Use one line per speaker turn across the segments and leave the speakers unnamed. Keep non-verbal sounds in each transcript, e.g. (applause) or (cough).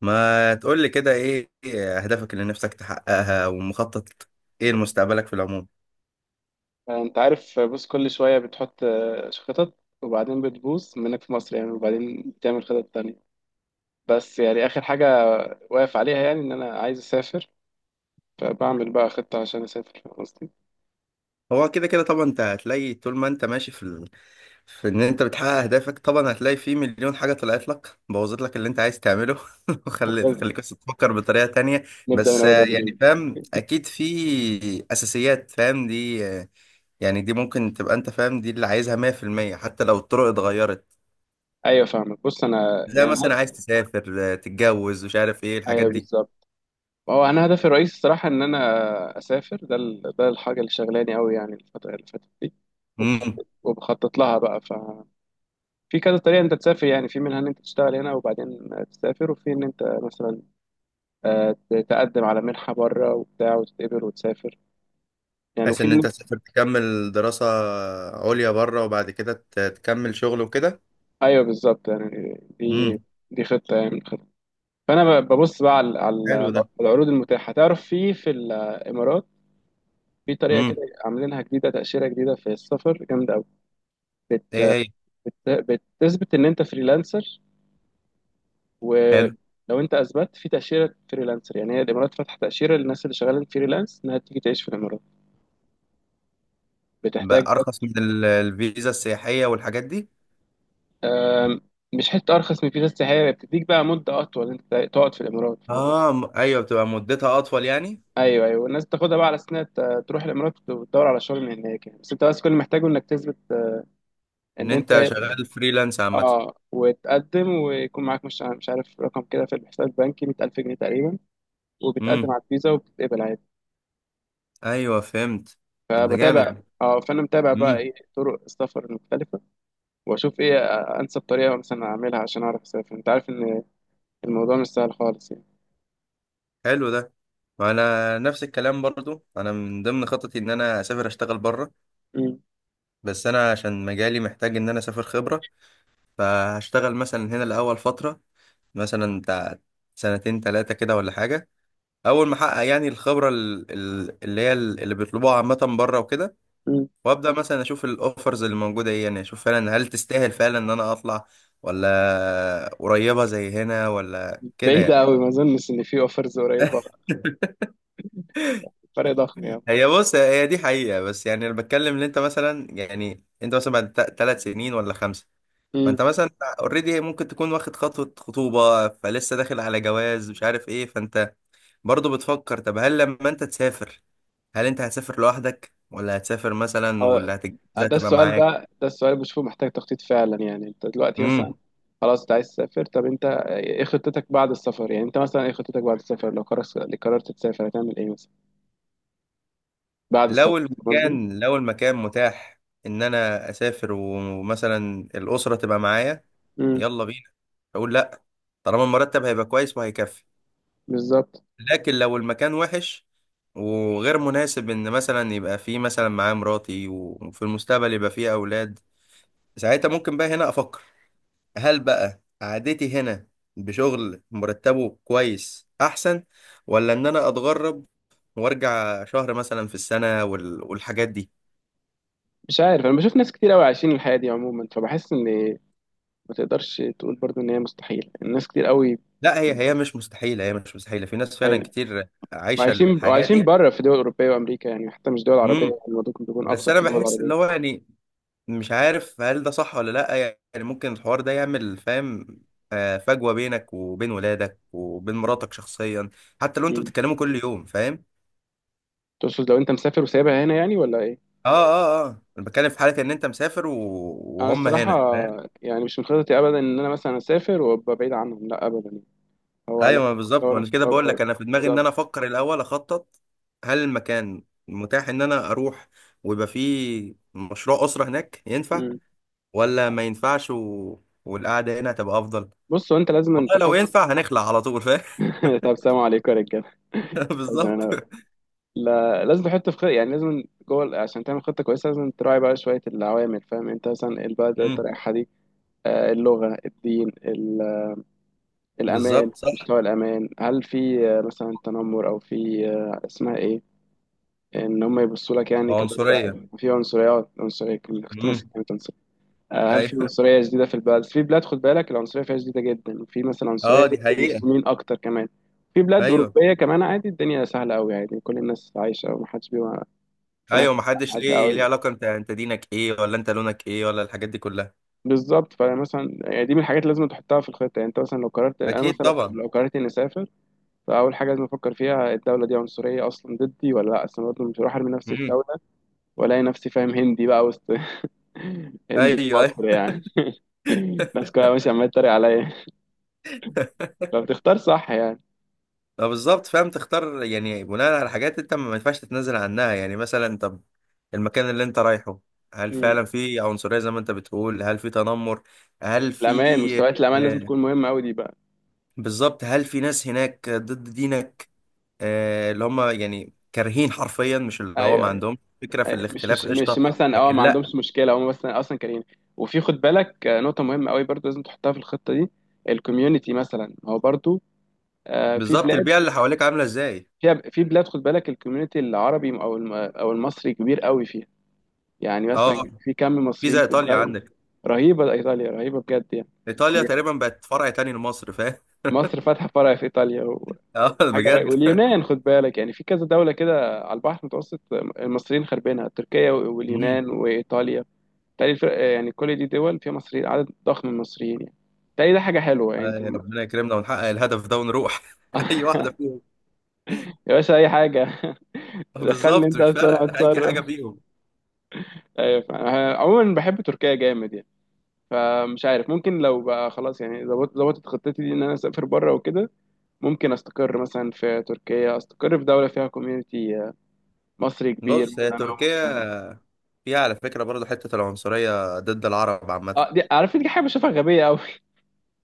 ما تقول لي كده ايه اهدافك اللي نفسك تحققها ومخطط ايه لمستقبلك في العموم.
انت عارف، بص، كل شويه بتحط خطط، وبعدين بتبوظ منك في مصر يعني، وبعدين تعمل خطط تانية. بس يعني اخر حاجه واقف عليها، يعني ان انا عايز اسافر. فبعمل بقى خطه عشان اسافر، فاهم قصدي؟
هو كده كده طبعا انت هتلاقي طول ما انت ماشي في ال... في ان انت بتحقق اهدافك طبعا هتلاقي في مليون حاجة طلعت لك بوظت لك اللي انت عايز تعمله (laughs) وخلت
طب
خليك بس تفكر بطريقة تانية.
نبدا من
بس
اول
يعني
وجديد.
فاهم اكيد في اساسيات فاهم دي يعني دي ممكن تبقى انت فاهم دي اللي عايزها 100% حتى لو الطرق اتغيرت.
ايوه فاهمك، بص انا
زي
يعني.
مثلا عايز تسافر، تتجوز، مش عارف ايه الحاجات
ايوه
دي.
بالظبط. هو انا هدفي الرئيسي الصراحه ان انا اسافر، ده الحاجه اللي شغلاني قوي يعني الفتره اللي فاتت دي.
مم.
وبخطط لها بقى في كذا طريقه انت تسافر يعني، في منها ان انت تشتغل هنا وبعدين تسافر، وفي ان انت مثلا تقدم على منحة بره وبتاع وتتقبل وتسافر يعني،
بحيث
وفي.
ان انت تسافر تكمل دراسة عليا بره وبعد كده تكمل شغل وكده.
ايوه بالظبط يعني، دي
امم.
دي خطة يعني من الخطط. فانا ببص بقى على
حلو
على
ده.
العروض المتاحة، تعرف، في الامارات. في طريقة كده
امم.
عاملينها جديدة، تأشيرة جديدة في السفر جامدة قوي.
ايه
بت
هي؟
بت- بتثبت ان انت فريلانسر. ولو
حلو،
انت اثبت في تأشيرة فريلانسر يعني، هي الامارات فاتحة تأشيرة للناس اللي شغالين فريلانس انها تيجي تعيش في الامارات.
بقى
بتحتاج.
ارخص من الفيزا السياحية والحاجات دي؟
آم، مش حته ارخص من فيزا السياحيه، هي بتديك بقى مده اطول انت تقعد في الامارات، فاهم قصدي؟
اه، ايوه بتبقى مدتها اطول يعني.
ايوه، ايوه، الناس بتاخدها بقى على سنه، تروح الامارات وتدور على شغل من هناك يعني، بس انت بس كل اللي محتاجه انك تثبت
ان
ان انت
انت شغال فريلانس عامة.
اه وتقدم، ويكون معاك مش عارف رقم كده في الحساب البنكي، 100,000 جنيه تقريبا، وبتقدم
امم.
على الفيزا وبتتقبل عادي.
ايوه فهمت. طب ده
فبتابع
جامد.
اه فانا متابع بقى
امم.
ايه طرق السفر المختلفه، واشوف ايه انسب طريقه مثلا اعملها عشان اعرف اسافر. انت عارف ان الموضوع مش سهل خالص يعني.
حلو ده. وانا نفس الكلام برضو، انا من ضمن خططي ان انا اسافر اشتغل بره، بس انا عشان مجالي محتاج ان انا اسافر خبرة. فهشتغل مثلا هنا الاول فترة، مثلا بتاع سنتين تلاتة كده ولا حاجة. أول ما أحقق يعني الخبرة اللي هي اللي بيطلبوها عامة بره وكده.
مم.
وأبدأ مثلا أشوف الأوفرز اللي موجودة إيه، يعني أشوف فعلا هل تستاهل فعلا إن أنا أطلع، ولا قريبة زي هنا ولا كده
بعيدة
يعني.
أوي، ما أظنش إن في أوفرز قريبة. فرق ضخم يعني.
هي بص، هي دي حقيقة، بس يعني أنا بتكلم إن أنت مثلا، يعني أنت مثلا بعد ثلاث سنين ولا خمسة،
امم.
فأنت مثلا أوريدي ممكن تكون واخد خطوة خطوبة، فلسه داخل على جواز مش عارف إيه. فأنت برضو بتفكر، طب هل لما أنت تسافر هل انت هتسافر لوحدك، ولا هتسافر مثلا واللي
هو
هتجهزها
ده
تبقى
السؤال
معاك؟
بقى، ده السؤال بشوفه محتاج تخطيط فعلا يعني، أنت دلوقتي مثلا
امم.
خلاص أنت عايز تسافر، طب أنت إيه خطتك بعد السفر؟ يعني أنت مثلا إيه خطتك بعد السفر لو قررت تسافر؟ هتعمل إيه مثلا بعد
لو
السفر، فاهم قصدي؟
المكان، لو المكان متاح ان انا اسافر ومثلا الاسره تبقى معايا،
امم.
يلا بينا، اقول لا، طالما المرتب هيبقى كويس وهيكفي.
بالظبط.
لكن لو المكان وحش وغير مناسب ان مثلا يبقى فيه مثلا معايا مراتي، وفي المستقبل يبقى فيه اولاد، ساعتها ممكن بقى هنا افكر هل بقى قعدتي هنا بشغل مرتبه كويس احسن، ولا ان انا اتغرب وارجع شهر مثلا في السنة والحاجات دي.
مش عارف، أنا بشوف ناس كتير أوي عايشين الحياة دي عموما، فبحس إن ما تقدرش تقول برضو إن هي مستحيل. الناس كتير أوي
لا هي، هي مش مستحيلة، هي مش مستحيلة، في ناس فعلا
عاي-
كتير عايشة
وعايشين
الحياة
وعايشين
دي.
بره في دول أوروبية وأمريكا يعني، حتى مش دول
امم.
عربية. الموضوع ممكن يكون
بس
أبسط
انا
في دول
بحس اللي
عربية.
هو يعني، مش عارف هل ده صح ولا لا، يعني ممكن الحوار ده يعمل فاهم، فجوة بينك وبين ولادك وبين مراتك شخصيا، حتى لو انتوا
مم.
بتتكلموا كل يوم فاهم.
تقصد لو انت مسافر وسايبها هنا يعني، ولا ايه؟
اه اه اه، انا بتكلم في حاله ان انت مسافر و...
انا
وهم
الصراحه
هنا فاهم.
يعني، مش من خططي ابدا ان انا مثلا اسافر وابقى بعيد عنهم، لا ابدا يعني. هو لو
ايوه ما بالظبط، ما
لو
انا كده بقول لك،
لو-
انا في دماغي ان انا
بالظبط.
افكر الاول اخطط هل المكان متاح ان انا اروح ويبقى فيه مشروع اسره هناك ينفع،
مم.
ولا ما ينفعش و... والقعده هنا هتبقى افضل.
بص، هو انت لازم أن
والله لو
تحط.
ينفع هنخلع على طول فاهم.
(laughs) طب سلام عليكم يا رجاله.
(laughs)
لازم
بالظبط.
انا لا، لازم تحط في خطة يعني، لازم جوه عشان تعمل خطه كويسه، لازم تراعي بقى شويه العوامل، فاهم، انت مثلا البلد اللي انت
امم.
رايحها دي، اللغه، الدين، الامان،
بالظبط صح.
مستوى الامان، هل في مثلا تنمر، او في اسمها ايه، ان هم يبصوا لك يعني كدرجه
عنصريه.
عاليه في عنصريه، كنت ناسي
امم.
كلمه عنصريه. هل في
ايوه.
عنصريه شديده في البلد، في بلاد خد بالك العنصريه فيها شديده جدا، وفي مثلا عنصريه
اه
ضد
دي حقيقه.
المسلمين اكتر كمان. في بلاد
ايوه
اوروبيه كمان عادي، الدنيا سهله قوي عادي، كل الناس عايشه ومحدش بيبقى
ايوه،
بيناكد
ما حدش
حد
ليه، ليه
قوي.
علاقه انت، انت دينك ايه ولا انت لونك ايه ولا الحاجات دي كلها.
بالظبط، فمثلا يعني دي من الحاجات اللي لازم تحطها في الخطه يعني، انت مثلا لو قررت انا
اكيد
مثلا لو
طبعا.
لو قررت اني اسافر. فاول حاجه لازم افكر فيها، الدوله دي عنصريه اصلا ضدي ولا لا؟ اصلا برضه مش هروح ارمي نفسي في
امم.
دوله والاقي نفسي، فاهم، هندي بقى وسط. (laughs)
ايوه
هندي في
ايوه.
مصر يعني. (laughs) الناس كلها ماشيه عماله تتريق عليا.
(laughs)
فبتختار صح يعني.
ما بالظبط فاهم، تختار يعني بناء على حاجات انت ما ينفعش تتنازل عنها، يعني مثلا طب المكان اللي انت رايحه هل
مم.
فعلا في عنصرية زي ما انت بتقول؟ هل في تنمر؟ هل في
مستويات الامان لازم
آه؟
تكون مهمه قوي دي بقى.
بالظبط، هل في ناس هناك ضد دينك، آه اللي هم يعني كارهين حرفيا، مش اللي هو
ايوه،
ما
ايوه،
عندهم فكرة في
ايوه، مش مش
الاختلاف
مش
قشطة.
مثلا
لكن
ما عندهمش
لا.
مشكله هم، بس اصلا كارهين. وفي خد بالك، نقطه مهمه قوي برضو لازم تحطها في الخطه دي. الكوميونتي مثلا هو برضو آه، في
بالظبط،
بلاد
البيئة اللي حواليك عاملة ازاي.
في بلاد خد بالك الكوميونتي العربي او او المصري كبير قوي فيها. يعني مثلا
اه،
في كم
في
مصريين
زي
في
ايطاليا
الدولة.
عندك.
رهيبة، إيطاليا رهيبة بجد.
ايطاليا
يعني
تقريبا بقت فرع تاني لمصر فاهم.
مصر فاتحة فرع في إيطاليا
(laughs) اه
وحاجة رهيبة.
بجد.
واليونان خد بالك يعني، في كذا دولة كده على البحر المتوسط المصريين خاربينها، تركيا
مم.
واليونان وإيطاليا. تالي الفرق يعني، كل دي دول فيها مصريين، عدد ضخم من المصريين يعني. تالي ده حاجة حلوة يعني انت.
ربنا يكرمنا ونحقق الهدف ده ونروح (laughs) اي واحده
(laughs)
فيهم.
يا باشا أي حاجة. (laughs) دخلني
بالظبط،
انت
مش
بس، انا
فارقه اي حاجه
هتصرف.
فيهم.
ايوه فاهم. أنا عموما بحب تركيا جامد يعني. فمش عارف، ممكن لو بقى خلاص يعني ظبطت خطتي دي ان انا اسافر بره وكده، ممكن استقر مثلا في تركيا، استقر في دوله فيها كوميونتي مصري كبير
بص هي
مثلا او مسلم.
تركيا فيها على فكره برضه حته العنصريه ضد العرب عامه.
اه، دي عارف، دي حاجه بشوفها غبيه قوي.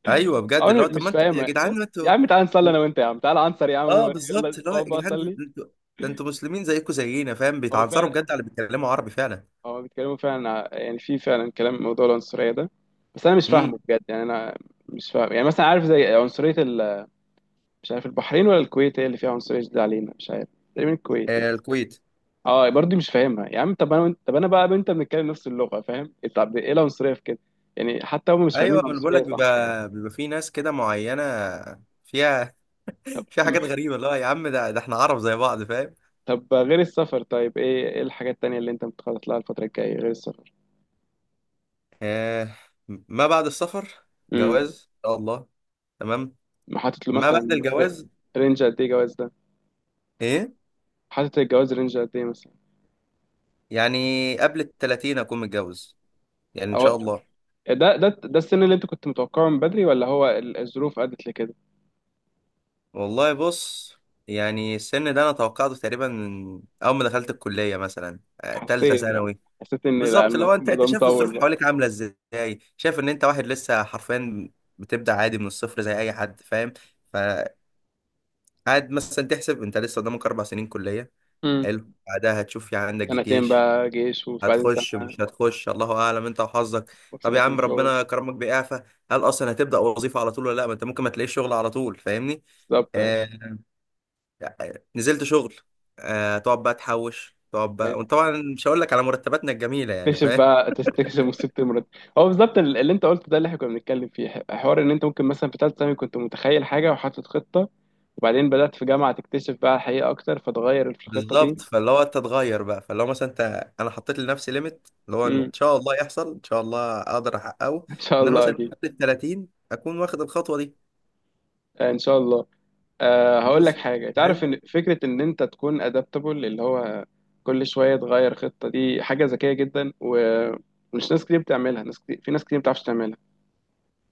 ايوه
او (laughs)
بجد، اللي
انا
هو طب ما
مش
انتوا يا
فاهمها.
جدعان، ما
يا
انتوا.
عم تعال نصلي انا وانت، يا عم تعال انصر، يا
اه
عم
بالظبط،
يلا
اللي هو يا
اقعد بقى
جدعان ده
صلي.
انتوا، ده انتوا مسلمين زيكم زينا فاهم،
هو
بيتعنصروا
فعلا
بجد على اللي بيتكلموا عربي فعلا.
هو بيتكلموا فعلا يعني في فعلا كلام، موضوع العنصريه ده، بس انا مش
امم.
فاهمه بجد يعني، انا مش فاهم يعني، مثلا عارف زي عنصريه مش عارف البحرين ولا الكويت هي اللي فيها عنصريه شديده علينا، مش عارف، تقريبا الكويت يعني.
آه الكويت.
اه، برضه مش فاهمها يا عم. طب انا بقى وانت بنتكلم نفس اللغه، فاهم؟ طب ايه العنصريه في كده؟ يعني حتى هم مش فاهمين
ايوه ما أنا بقول
العنصريه
لك،
صح يعني.
بيبقى، بيبقى في ناس كده معينه فيها (laughs)
(clears throat)
فيها حاجات
أمم.
غريبه، اللي هو يا عم ده، ده احنا عرب زي بعض فاهم.
طب غير السفر، طيب ايه الحاجات التانيه اللي انت متخطط لها الفتره الجايه غير السفر؟
آه، ما بعد السفر
امم.
جواز ان شاء الله. تمام.
حاطط له
ما بعد
مثلا
الجواز
رينج قد ايه جواز ده؟
ايه؟
حاطط الجواز رينج قد ايه مثلا؟
يعني قبل ال 30 اكون متجوز، يعني ان
او،
شاء الله.
ده السن اللي انت كنت متوقعه من بدري، ولا هو الظروف ادت لكده؟
والله بص، يعني السن ده انا توقعته تقريبا من اول ما دخلت الكليه، مثلا تالتة
حسيت بقى
ثانوي.
حسيت ان، لا،
بالظبط، لو انت، انت
الموضوع
شايف
مطول
الظروف
بقى.
حواليك عامله ازاي، شايف ان انت واحد لسه حرفيا بتبدا عادي من الصفر زي اي حد فاهم. فقعد مثلا تحسب انت لسه قدامك اربع سنين كليه،
امم.
حلو بعدها هتشوف يعني عندك
سنتين
جيش،
بقى جيش، وبعدين سنه،
هتخش مش هتخش الله اعلم انت وحظك. طب يا
وسنتين
عم
شغل.
ربنا كرمك بإعفاء، هل اصلا هتبدأ وظيفة على طول ولا لا؟ ما انت ممكن ما تلاقيش شغل على طول فاهمني.
بالظبط. ايوه،
آه نزلت شغل، آه تقعد بقى تحوش، تقعد بقى، وطبعا مش هقول لك على مرتباتنا الجميلة يعني فاهم.
تكتشف مصيبة المرض. هو بالظبط اللي انت قلته ده، اللي احنا كنا بنتكلم فيه حوار ان انت ممكن مثلا في ثالثة ثانوي كنت متخيل حاجة وحاطط خطة، وبعدين بدأت في جامعة تكتشف بقى الحقيقة أكتر، فتغير في الخطة
بالظبط،
دي.
فاللي هو انت تغير بقى، فاللي هو مثلا انت، انا حطيت لنفسي ليميت اللي هو ان
امم.
شاء الله يحصل، ان شاء الله اقدر احققه،
(laughs) إن شاء
ان انا
الله
مثلا
أكيد.
قبل ال 30 اكون واخد الخطوة دي.
إن شاء الله. هقول لك
بس
حاجة، تعرف
فاهم.
إن فكرة إن أنت تكون أدابتبل، اللي هو كل شوية تغير خطة دي حاجة ذكية جدا، ومش ناس كتير بتعملها. ناس كتير، في ناس كتير ما بتعرفش تعملها.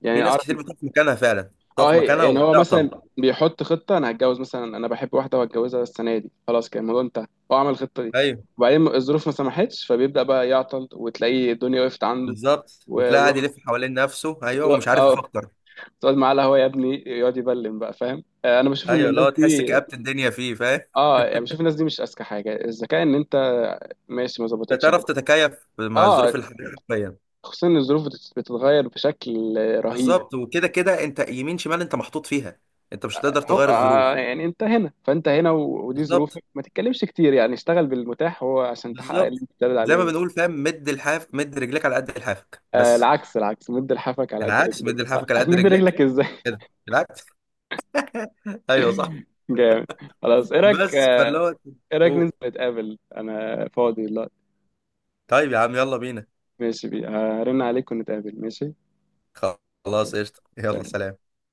يعني
في ناس
أعرف.
كتير بتقف مكانها فعلا،
اه،
تقف مكانها
يعني هو
وبتعطل.
مثلا بيحط خطة، انا هتجوز مثلا انا بحب واحدة وهتجوزها السنة دي، خلاص كان الموضوع انتهى. هو عمل الخطة دي،
ايوه
وبعدين الظروف ما سمحتش، فبيبدأ بقى يعطل وتلاقيه الدنيا وقفت عنده.
بالظبط،
و-
وتلاقي قاعد
ويقعد
يلف حوالين نفسه، ايوه ومش
ويقعد-
عارف
اه
يفكر.
تقعد معاه القهوة يا ابني، يقعد يبلم بقى، فاهم. انا بشوف ان
ايوه اللي
الناس
هو تحس
دي
كآبة الدنيا فيه فاهم.
اه يعني بشوف الناس دي مش اذكى حاجة. الذكاء ان انت ماشي ما
انت
ظبطتش
تعرف
عادي.
تتكيف مع الظروف
اه
الحاليه حرفيا.
خصوصا ان الظروف بتتغير بشكل رهيب.
بالظبط، وكده كده انت يمين شمال انت محطوط فيها، انت مش هتقدر
هو
تغير الظروف.
يعني انت هنا فانت هنا ودي
بالظبط،
ظروفك، ما تتكلمش كتير يعني، اشتغل بالمتاح هو عشان تحقق اللي
بالظبط.
انت بتدل
زي ما
عليه.
بنقول فاهم، مد الحاف، مد رجليك على قد لحافك،
آه،
بس
العكس، العكس، مد لحافك على قد
العكس، مد
رجليك،
لحافك على قد
هتمد
رجليك.
رجلك ازاي؟
كده
(laughs)
العكس. (laughs) ايوه صح.
جامد، خلاص.
بس فاللي هو
ايه رايك ننزل
قول.
نتقابل؟ انا فاضي دلوقتي.
طيب يا عم يلا بينا.
ماشي، بي هرن عليك ونتقابل، ماشي.
خلاص
يلا.
قشطه، يلا
سلام.
سلام.